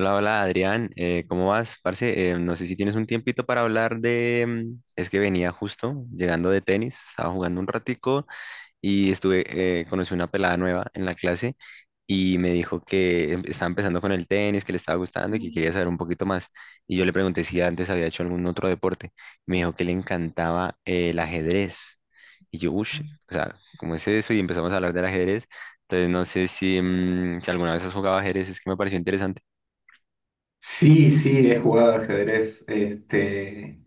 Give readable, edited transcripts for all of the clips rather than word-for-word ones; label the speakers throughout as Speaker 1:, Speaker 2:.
Speaker 1: Hola, Adrián, ¿cómo vas? Parce, no sé si tienes un tiempito para hablar es que venía justo llegando de tenis, estaba jugando un ratico y conocí una pelada nueva en la clase y me dijo que estaba empezando con el tenis, que le estaba gustando y que quería saber un poquito más. Y yo le pregunté si antes había hecho algún otro deporte. Me dijo que le encantaba el ajedrez. Y yo, uff, o sea, ¿cómo es eso? Y empezamos a hablar del ajedrez. Entonces no sé si alguna vez has jugado ajedrez, es que me pareció interesante.
Speaker 2: Sí, sí, he jugado ajedrez,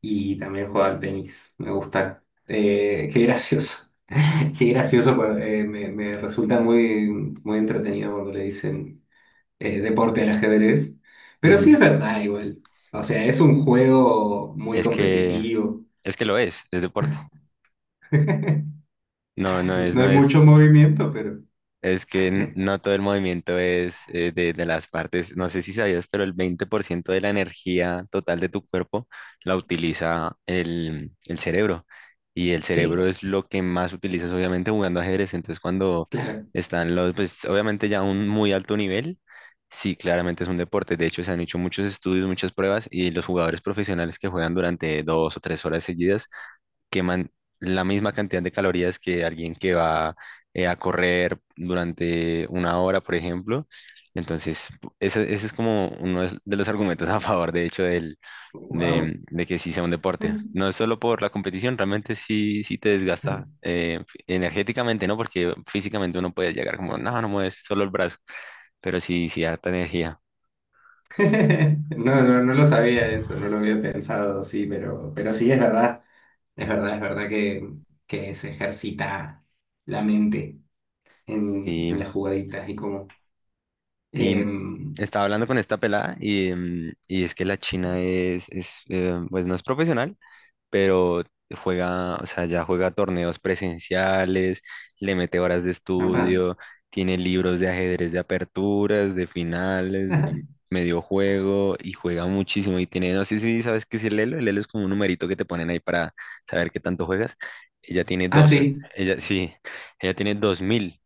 Speaker 2: y también he jugado al tenis, me gusta. Qué gracioso, qué gracioso, pero, me resulta muy, muy entretenido cuando le dicen deporte al ajedrez. Pero sí es
Speaker 1: Ujú.
Speaker 2: verdad igual, o sea, es un juego muy
Speaker 1: Es que,
Speaker 2: competitivo,
Speaker 1: es que lo es deporte.
Speaker 2: no
Speaker 1: No, no es, no
Speaker 2: hay mucho
Speaker 1: es,
Speaker 2: movimiento, pero
Speaker 1: es que no todo el movimiento es de las partes. No sé si sabías, pero el 20% de la energía total de tu cuerpo la utiliza el cerebro. Y el
Speaker 2: sí,
Speaker 1: cerebro es lo que más utilizas, obviamente, jugando ajedrez. Entonces, cuando
Speaker 2: claro,
Speaker 1: están los, pues obviamente ya a un muy alto nivel, sí, claramente es un deporte. De hecho, se han hecho muchos estudios, muchas pruebas, y los jugadores profesionales que juegan durante 2 o 3 horas seguidas queman la misma cantidad de calorías que alguien que va a correr durante una hora, por ejemplo. Entonces, eso, eso es como uno de los argumentos a favor, de hecho, del,
Speaker 2: wow.
Speaker 1: de, de que sí sea un deporte. No es solo por la competición, realmente sí, sí te desgasta energéticamente, ¿no? Porque físicamente uno puede llegar como, no, no mueves solo el brazo, pero sí, sí harta energía.
Speaker 2: No, no, no lo sabía eso, no lo había pensado, sí, pero, sí es verdad. Es verdad, es verdad que, se ejercita la mente en,
Speaker 1: Sí,
Speaker 2: en las jugaditas y como.
Speaker 1: Y
Speaker 2: em,
Speaker 1: estaba hablando con esta pelada y es que la China es, pues no es profesional, pero juega, o sea, ya juega torneos presenciales, le mete horas de
Speaker 2: Papá.
Speaker 1: estudio, tiene libros de ajedrez de aperturas, de finales, de medio juego y juega muchísimo y tiene, no sé si sabes qué es el Elo es como un numerito que te ponen ahí para saber qué tanto juegas. Ella tiene
Speaker 2: Ah,
Speaker 1: dos,
Speaker 2: sí,
Speaker 1: ella sí, ella tiene 2000.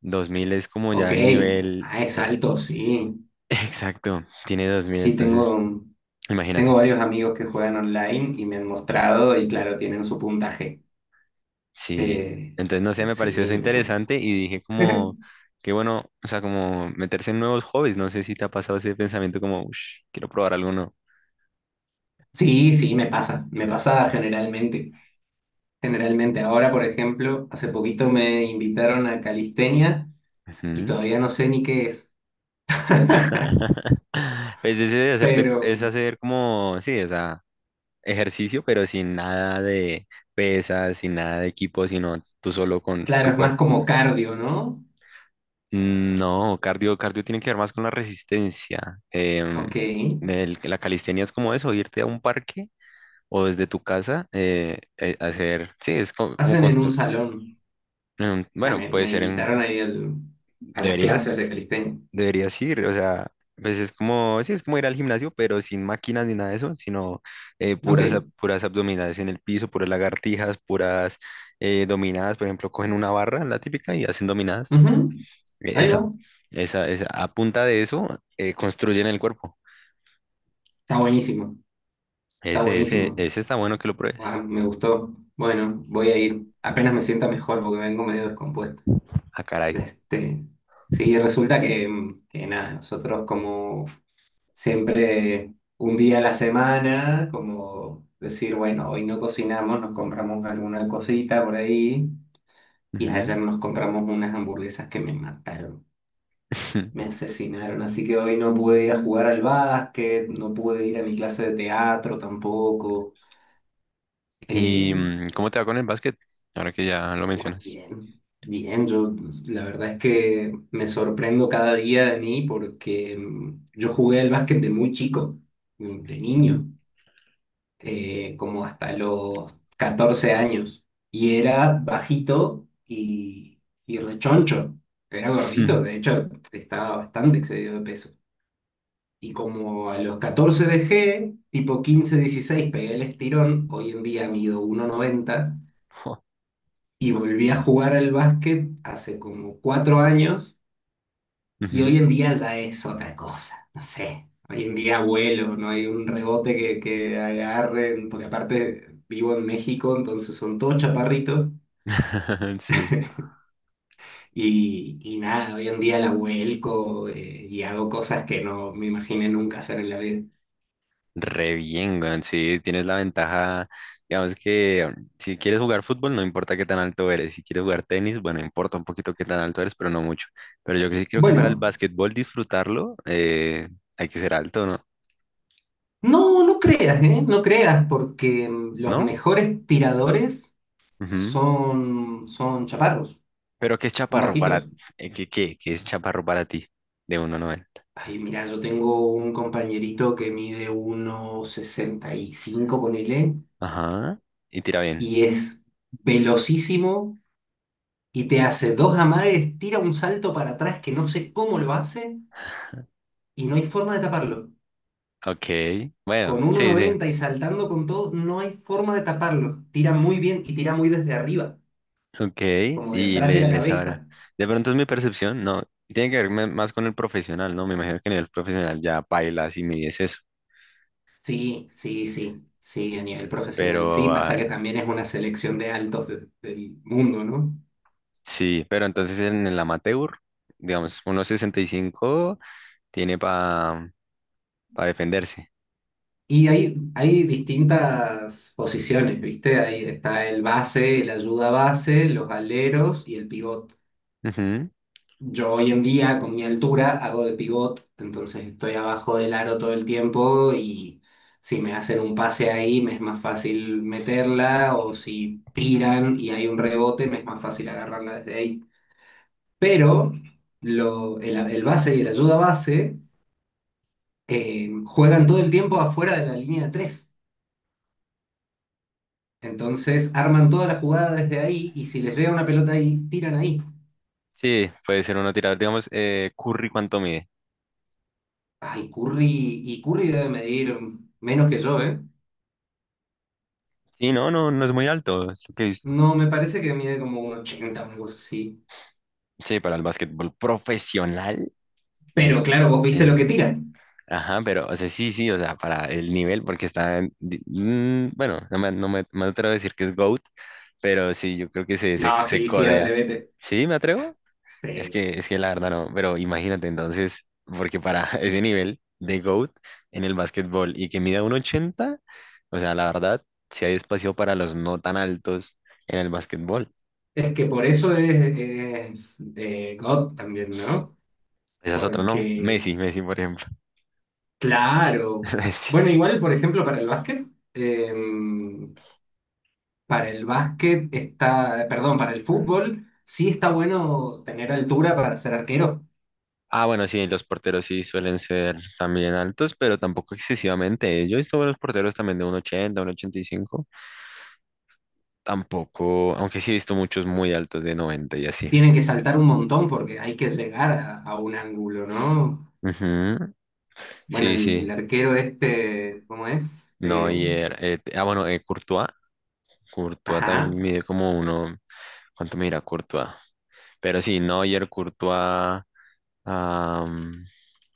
Speaker 1: 2000 es como ya
Speaker 2: ok.
Speaker 1: el nivel...
Speaker 2: Ah, es
Speaker 1: eh,
Speaker 2: alto, sí.
Speaker 1: Exacto, tiene 2000,
Speaker 2: Sí,
Speaker 1: entonces
Speaker 2: tengo
Speaker 1: imagínate.
Speaker 2: varios amigos que juegan online y me han mostrado y claro, tienen su puntaje.
Speaker 1: Sí,
Speaker 2: Eh,
Speaker 1: entonces no sé,
Speaker 2: sí,
Speaker 1: me pareció eso
Speaker 2: sí, loco.
Speaker 1: interesante y dije como, qué bueno, o sea, como meterse en nuevos hobbies, no sé si te ha pasado ese pensamiento como, "Ush, quiero probar algo nuevo."
Speaker 2: Sí, sí, me pasa generalmente. Generalmente ahora, por ejemplo, hace poquito me invitaron a calistenia y
Speaker 1: Ujú.
Speaker 2: todavía no sé ni qué es.
Speaker 1: Pues ese de
Speaker 2: Pero,
Speaker 1: es hacer como, sí, o sea, ejercicio, pero sin nada de pesas, sin nada de equipo, sino tú solo con
Speaker 2: claro,
Speaker 1: tu
Speaker 2: es más
Speaker 1: cuerpo.
Speaker 2: como cardio, ¿no?
Speaker 1: No, cardio tiene que ver más con la resistencia.
Speaker 2: Ok.
Speaker 1: La calistenia es como eso, irte a un parque o desde tu casa hacer, sí, es como,
Speaker 2: Hacen en un
Speaker 1: construir.
Speaker 2: salón. O sea,
Speaker 1: Bueno,
Speaker 2: me,
Speaker 1: puede
Speaker 2: me
Speaker 1: ser en,
Speaker 2: invitaron ahí a las clases
Speaker 1: deberías,
Speaker 2: de calistenia.
Speaker 1: deberías ir, o sea, pues es como, sí, es como ir al gimnasio, pero sin máquinas ni nada de eso, sino puras,
Speaker 2: Ok,
Speaker 1: puras abdominales en el piso, puras lagartijas, puras dominadas, por ejemplo, cogen una barra, la típica, y hacen dominadas.
Speaker 2: ujú, ahí va.
Speaker 1: Eso, esa, a punta de eso construyen el cuerpo.
Speaker 2: Está buenísimo. Está
Speaker 1: Ese, ese,
Speaker 2: buenísimo.
Speaker 1: ese está bueno que lo pruebes.
Speaker 2: Ah, me gustó. Bueno, voy a ir. Apenas me sienta mejor porque vengo medio descompuesto.
Speaker 1: Ah, caray.
Speaker 2: Este, sí, resulta que nada, nosotros como siempre un día a la semana, como decir, bueno, hoy no cocinamos, nos compramos alguna cosita por ahí y ayer
Speaker 1: Ujú.
Speaker 2: nos compramos unas hamburguesas que me mataron, me asesinaron, así que hoy no pude ir a jugar al básquet, no pude ir a mi clase de teatro tampoco. Eh,
Speaker 1: ¿Y cómo te va con el básquet? Ahora que ya lo mencionas.
Speaker 2: Bien, bien, yo la verdad es que me sorprendo cada día de mí porque yo jugué al básquet de muy chico, de
Speaker 1: Ujú.
Speaker 2: niño. Como hasta los 14 años. Y era bajito y, rechoncho. Era gordito, de hecho, estaba bastante excedido de peso. Y como a los 14 dejé, tipo 15 16 pegué el estirón. Hoy en día mido 1,90
Speaker 1: Jo.
Speaker 2: y volví a jugar al básquet hace como 4 años. Y hoy
Speaker 1: Ujú.
Speaker 2: en día ya es otra cosa, no sé. Hoy en día vuelo, no hay un rebote que, agarren, porque aparte vivo en México, entonces son todos chaparritos.
Speaker 1: Sí,
Speaker 2: y nada, hoy en día la vuelco, y hago cosas que no me imaginé nunca hacer en la vida.
Speaker 1: re bien, weón. Sí, tienes la ventaja. Digamos que si quieres jugar fútbol, no importa qué tan alto eres. Si quieres jugar tenis, bueno, importa un poquito qué tan alto eres, pero no mucho. Pero yo que sí creo que para el
Speaker 2: Bueno,
Speaker 1: básquetbol disfrutarlo, hay que ser alto, ¿no?
Speaker 2: no, no creas, ¿eh? No creas, porque los
Speaker 1: ¿No?
Speaker 2: mejores tiradores
Speaker 1: Ujú.
Speaker 2: son chaparros,
Speaker 1: Pero ¿qué es
Speaker 2: son
Speaker 1: chaparro para
Speaker 2: bajitos.
Speaker 1: ti? ¿Qué es chaparro para ti? De 1,90.
Speaker 2: Ay, mira, yo tengo un compañerito que mide 1,65, ponele,
Speaker 1: Ajá. Y tira bien.
Speaker 2: y es velocísimo y te hace dos amagues, tira un salto para atrás que no sé cómo lo hace y no hay forma de taparlo.
Speaker 1: Ok. Bueno,
Speaker 2: Con uno
Speaker 1: sí, sí.
Speaker 2: noventa y saltando con todo, no hay forma de taparlo. Tira muy bien y tira muy desde arriba,
Speaker 1: Ok.
Speaker 2: como de
Speaker 1: Y
Speaker 2: atrás de
Speaker 1: le,
Speaker 2: la
Speaker 1: le sabrá.
Speaker 2: cabeza.
Speaker 1: De pronto es mi percepción. No. Tiene que ver más con el profesional, ¿no? Me imagino que en el profesional ya bailas y mides eso.
Speaker 2: Sí, sí, sí, sí, a nivel profesional, sí.
Speaker 1: Pero ah,
Speaker 2: Pasa que también es una selección de altos del mundo, ¿no?
Speaker 1: sí. Pero entonces en el amateur, digamos, 1,65 tiene para defenderse.
Speaker 2: Y hay distintas posiciones, ¿viste? Ahí está el base, el ayuda base, los aleros y el pivot.
Speaker 1: Ujú.
Speaker 2: Yo hoy en día, con mi altura, hago de pivot, entonces estoy abajo del aro todo el tiempo y si me hacen un pase ahí, me es más fácil meterla o si tiran y hay un rebote, me es más fácil agarrarla desde ahí. Pero el base y el ayuda base juegan todo el tiempo afuera de la línea de tres. Entonces arman toda la jugada desde ahí y si les llega una pelota ahí, tiran ahí.
Speaker 1: Sí, puede ser uno tirador. Digamos, Curry, ¿cuánto mide?
Speaker 2: Ay, Curry, y Curry debe medir menos que yo, ¿eh?
Speaker 1: Sí, no, no, no es muy alto. Es lo que es-
Speaker 2: No, me parece que mide como 1,80, una cosa así.
Speaker 1: Sí, para el básquetbol profesional
Speaker 2: Pero claro, vos
Speaker 1: es,
Speaker 2: viste lo
Speaker 1: es,
Speaker 2: que tiran.
Speaker 1: ajá, pero, o sea, sí, sí, o sea, para el nivel, porque está, bueno, no me atrevo a decir que es GOAT, pero sí, yo creo que se, se,
Speaker 2: No,
Speaker 1: se
Speaker 2: sí, sí,
Speaker 1: codea.
Speaker 2: atrévete.
Speaker 1: ¿Sí, me atrevo? Es
Speaker 2: Sí.
Speaker 1: que, es que la verdad no, pero imagínate entonces, porque para ese nivel de GOAT en el básquetbol y que mida un 80, o sea, la verdad, si hay espacio para los no tan altos en el básquetbol.
Speaker 2: Es que por eso es, de God también, ¿no?
Speaker 1: Esa es otra, ¿no?
Speaker 2: Porque,
Speaker 1: Messi, Messi, por ejemplo.
Speaker 2: claro.
Speaker 1: Messi.
Speaker 2: Bueno, igual, por ejemplo, para el básquet, eh, para el básquet está, perdón, para el fútbol sí está bueno tener altura para ser arquero.
Speaker 1: Ah, bueno, sí, los porteros sí suelen ser también altos, pero tampoco excesivamente. Yo he visto buenos porteros también de 1,80 1,85. Tampoco, aunque sí he visto muchos muy altos de noventa y así.
Speaker 2: Tienen que saltar un montón porque hay que llegar a, un ángulo, ¿no?
Speaker 1: Ujú.
Speaker 2: Bueno,
Speaker 1: Sí,
Speaker 2: el
Speaker 1: sí.
Speaker 2: arquero este, ¿cómo es?
Speaker 1: Neuer. Courtois. Courtois
Speaker 2: Ajá.
Speaker 1: también mide como uno. ¿Cuánto mira Courtois? Pero sí, Neuer, Courtois. am,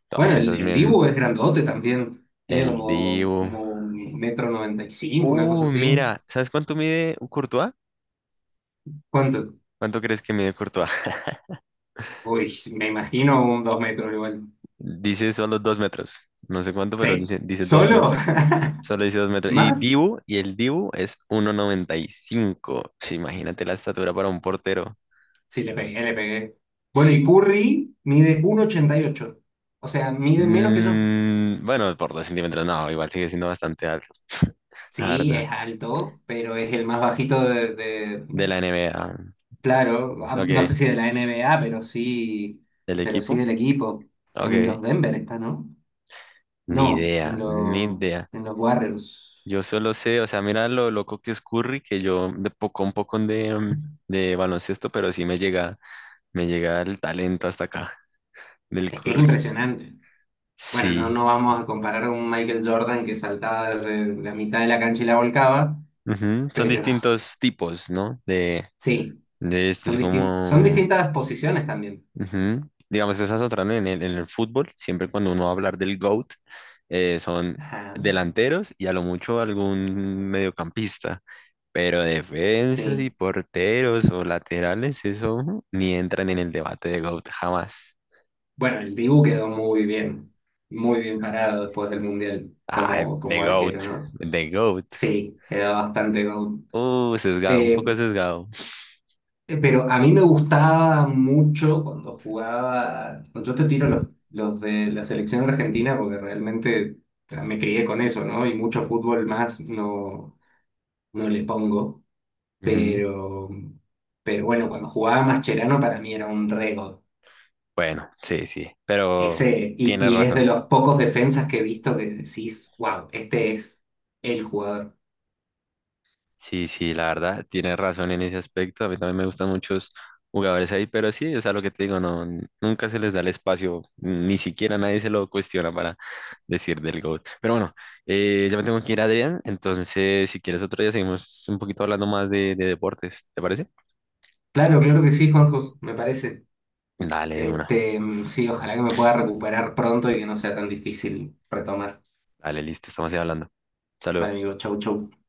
Speaker 1: Todas
Speaker 2: Bueno, el,
Speaker 1: esas
Speaker 2: el
Speaker 1: bien.
Speaker 2: Dibu es grandote también. Mide
Speaker 1: El
Speaker 2: como,
Speaker 1: Dibu.
Speaker 2: como 1,95 m, una cosa así.
Speaker 1: Mira, ¿sabes cuánto mide Courtois?
Speaker 2: ¿Cuánto?
Speaker 1: ¿Cuánto crees que mide Courtois?
Speaker 2: Uy, me imagino un 2 metros igual.
Speaker 1: Dice solo 2 metros. No sé cuánto, pero
Speaker 2: Sí.
Speaker 1: dice dos
Speaker 2: ¿Solo?
Speaker 1: metros. Solo dice dos metros. Y
Speaker 2: ¿Más?
Speaker 1: Dibu, y el Dibu es 1,95. Sí, imagínate la estatura para un portero.
Speaker 2: Sí, le pegué, le pegué. Bueno, y Curry mide 1,88. O sea, mide menos que yo.
Speaker 1: Bueno, por 2 centímetros, no, igual sigue siendo bastante alto. La
Speaker 2: Sí,
Speaker 1: verdad.
Speaker 2: es alto, pero es el más bajito
Speaker 1: De la NBA.
Speaker 2: claro, ah,
Speaker 1: Ok,
Speaker 2: no sé si de la N B A pero sí,
Speaker 1: el
Speaker 2: pero sí
Speaker 1: equipo.
Speaker 2: del equipo. En los
Speaker 1: Ok,
Speaker 2: Denver está, ¿no?
Speaker 1: ni
Speaker 2: No,
Speaker 1: idea,
Speaker 2: en
Speaker 1: ni
Speaker 2: los,
Speaker 1: idea.
Speaker 2: en los Warriors.
Speaker 1: Yo solo sé, o sea, mira lo loco que es Curry, que yo de poco un poco de, baloncesto, pero sí me llega el talento hasta acá del
Speaker 2: Es que es
Speaker 1: Curry.
Speaker 2: impresionante. Bueno, no,
Speaker 1: Sí.
Speaker 2: no vamos a comparar a un Michael Jordan que saltaba de la mitad de la cancha y la volcaba,
Speaker 1: Ujú. Son
Speaker 2: pero
Speaker 1: distintos tipos, ¿no? De,
Speaker 2: sí,
Speaker 1: de esto,
Speaker 2: son
Speaker 1: es
Speaker 2: distin- son
Speaker 1: como.
Speaker 2: distintas posiciones también.
Speaker 1: Ujú. Digamos, esas otras, ¿no? En el fútbol, siempre cuando uno va a hablar del GOAT, son
Speaker 2: Ajá,
Speaker 1: delanteros y a lo mucho algún mediocampista, pero defensas y
Speaker 2: sí.
Speaker 1: porteros o laterales, eso ujú, ni entran en el debate de GOAT jamás.
Speaker 2: Bueno, el Dibu quedó muy bien parado después del Mundial
Speaker 1: Ah,
Speaker 2: como,
Speaker 1: de
Speaker 2: como arquero,
Speaker 1: GOAT,
Speaker 2: ¿no?
Speaker 1: de GOAT.
Speaker 2: Sí, quedó bastante gol.
Speaker 1: Sesgado, un
Speaker 2: Eh,
Speaker 1: poco sesgado.
Speaker 2: pero a mí me gustaba mucho cuando jugaba, yo te tiro los de la selección argentina porque realmente, o sea, me crié con eso, ¿no? Y mucho fútbol más no, no le pongo,
Speaker 1: Ujú.
Speaker 2: pero, pero, bueno, cuando jugaba Mascherano para mí era un rego.
Speaker 1: Bueno, sí, sí, pero
Speaker 2: Ese, y,
Speaker 1: tienes
Speaker 2: y es de
Speaker 1: razón.
Speaker 2: los pocos defensas que he visto que decís, wow, este es el jugador.
Speaker 1: Sí, sí, la verdad, tienes razón en ese aspecto. A mí también me gustan muchos jugadores ahí, pero sí, o sea, lo que te digo, no, nunca se les da el espacio, ni siquiera nadie se lo cuestiona para decir del GOAT. Pero bueno, ya me tengo que ir, Adrián, entonces si quieres otro día seguimos un poquito hablando más de deportes, ¿te parece?
Speaker 2: Claro, claro que sí, Juanjo, me parece.
Speaker 1: Dale, de una.
Speaker 2: Sí, ojalá que me pueda recuperar pronto y que no sea tan difícil retomar.
Speaker 1: Dale, listo, estamos ahí hablando. Saludos.
Speaker 2: Vale, amigo, chau, chau.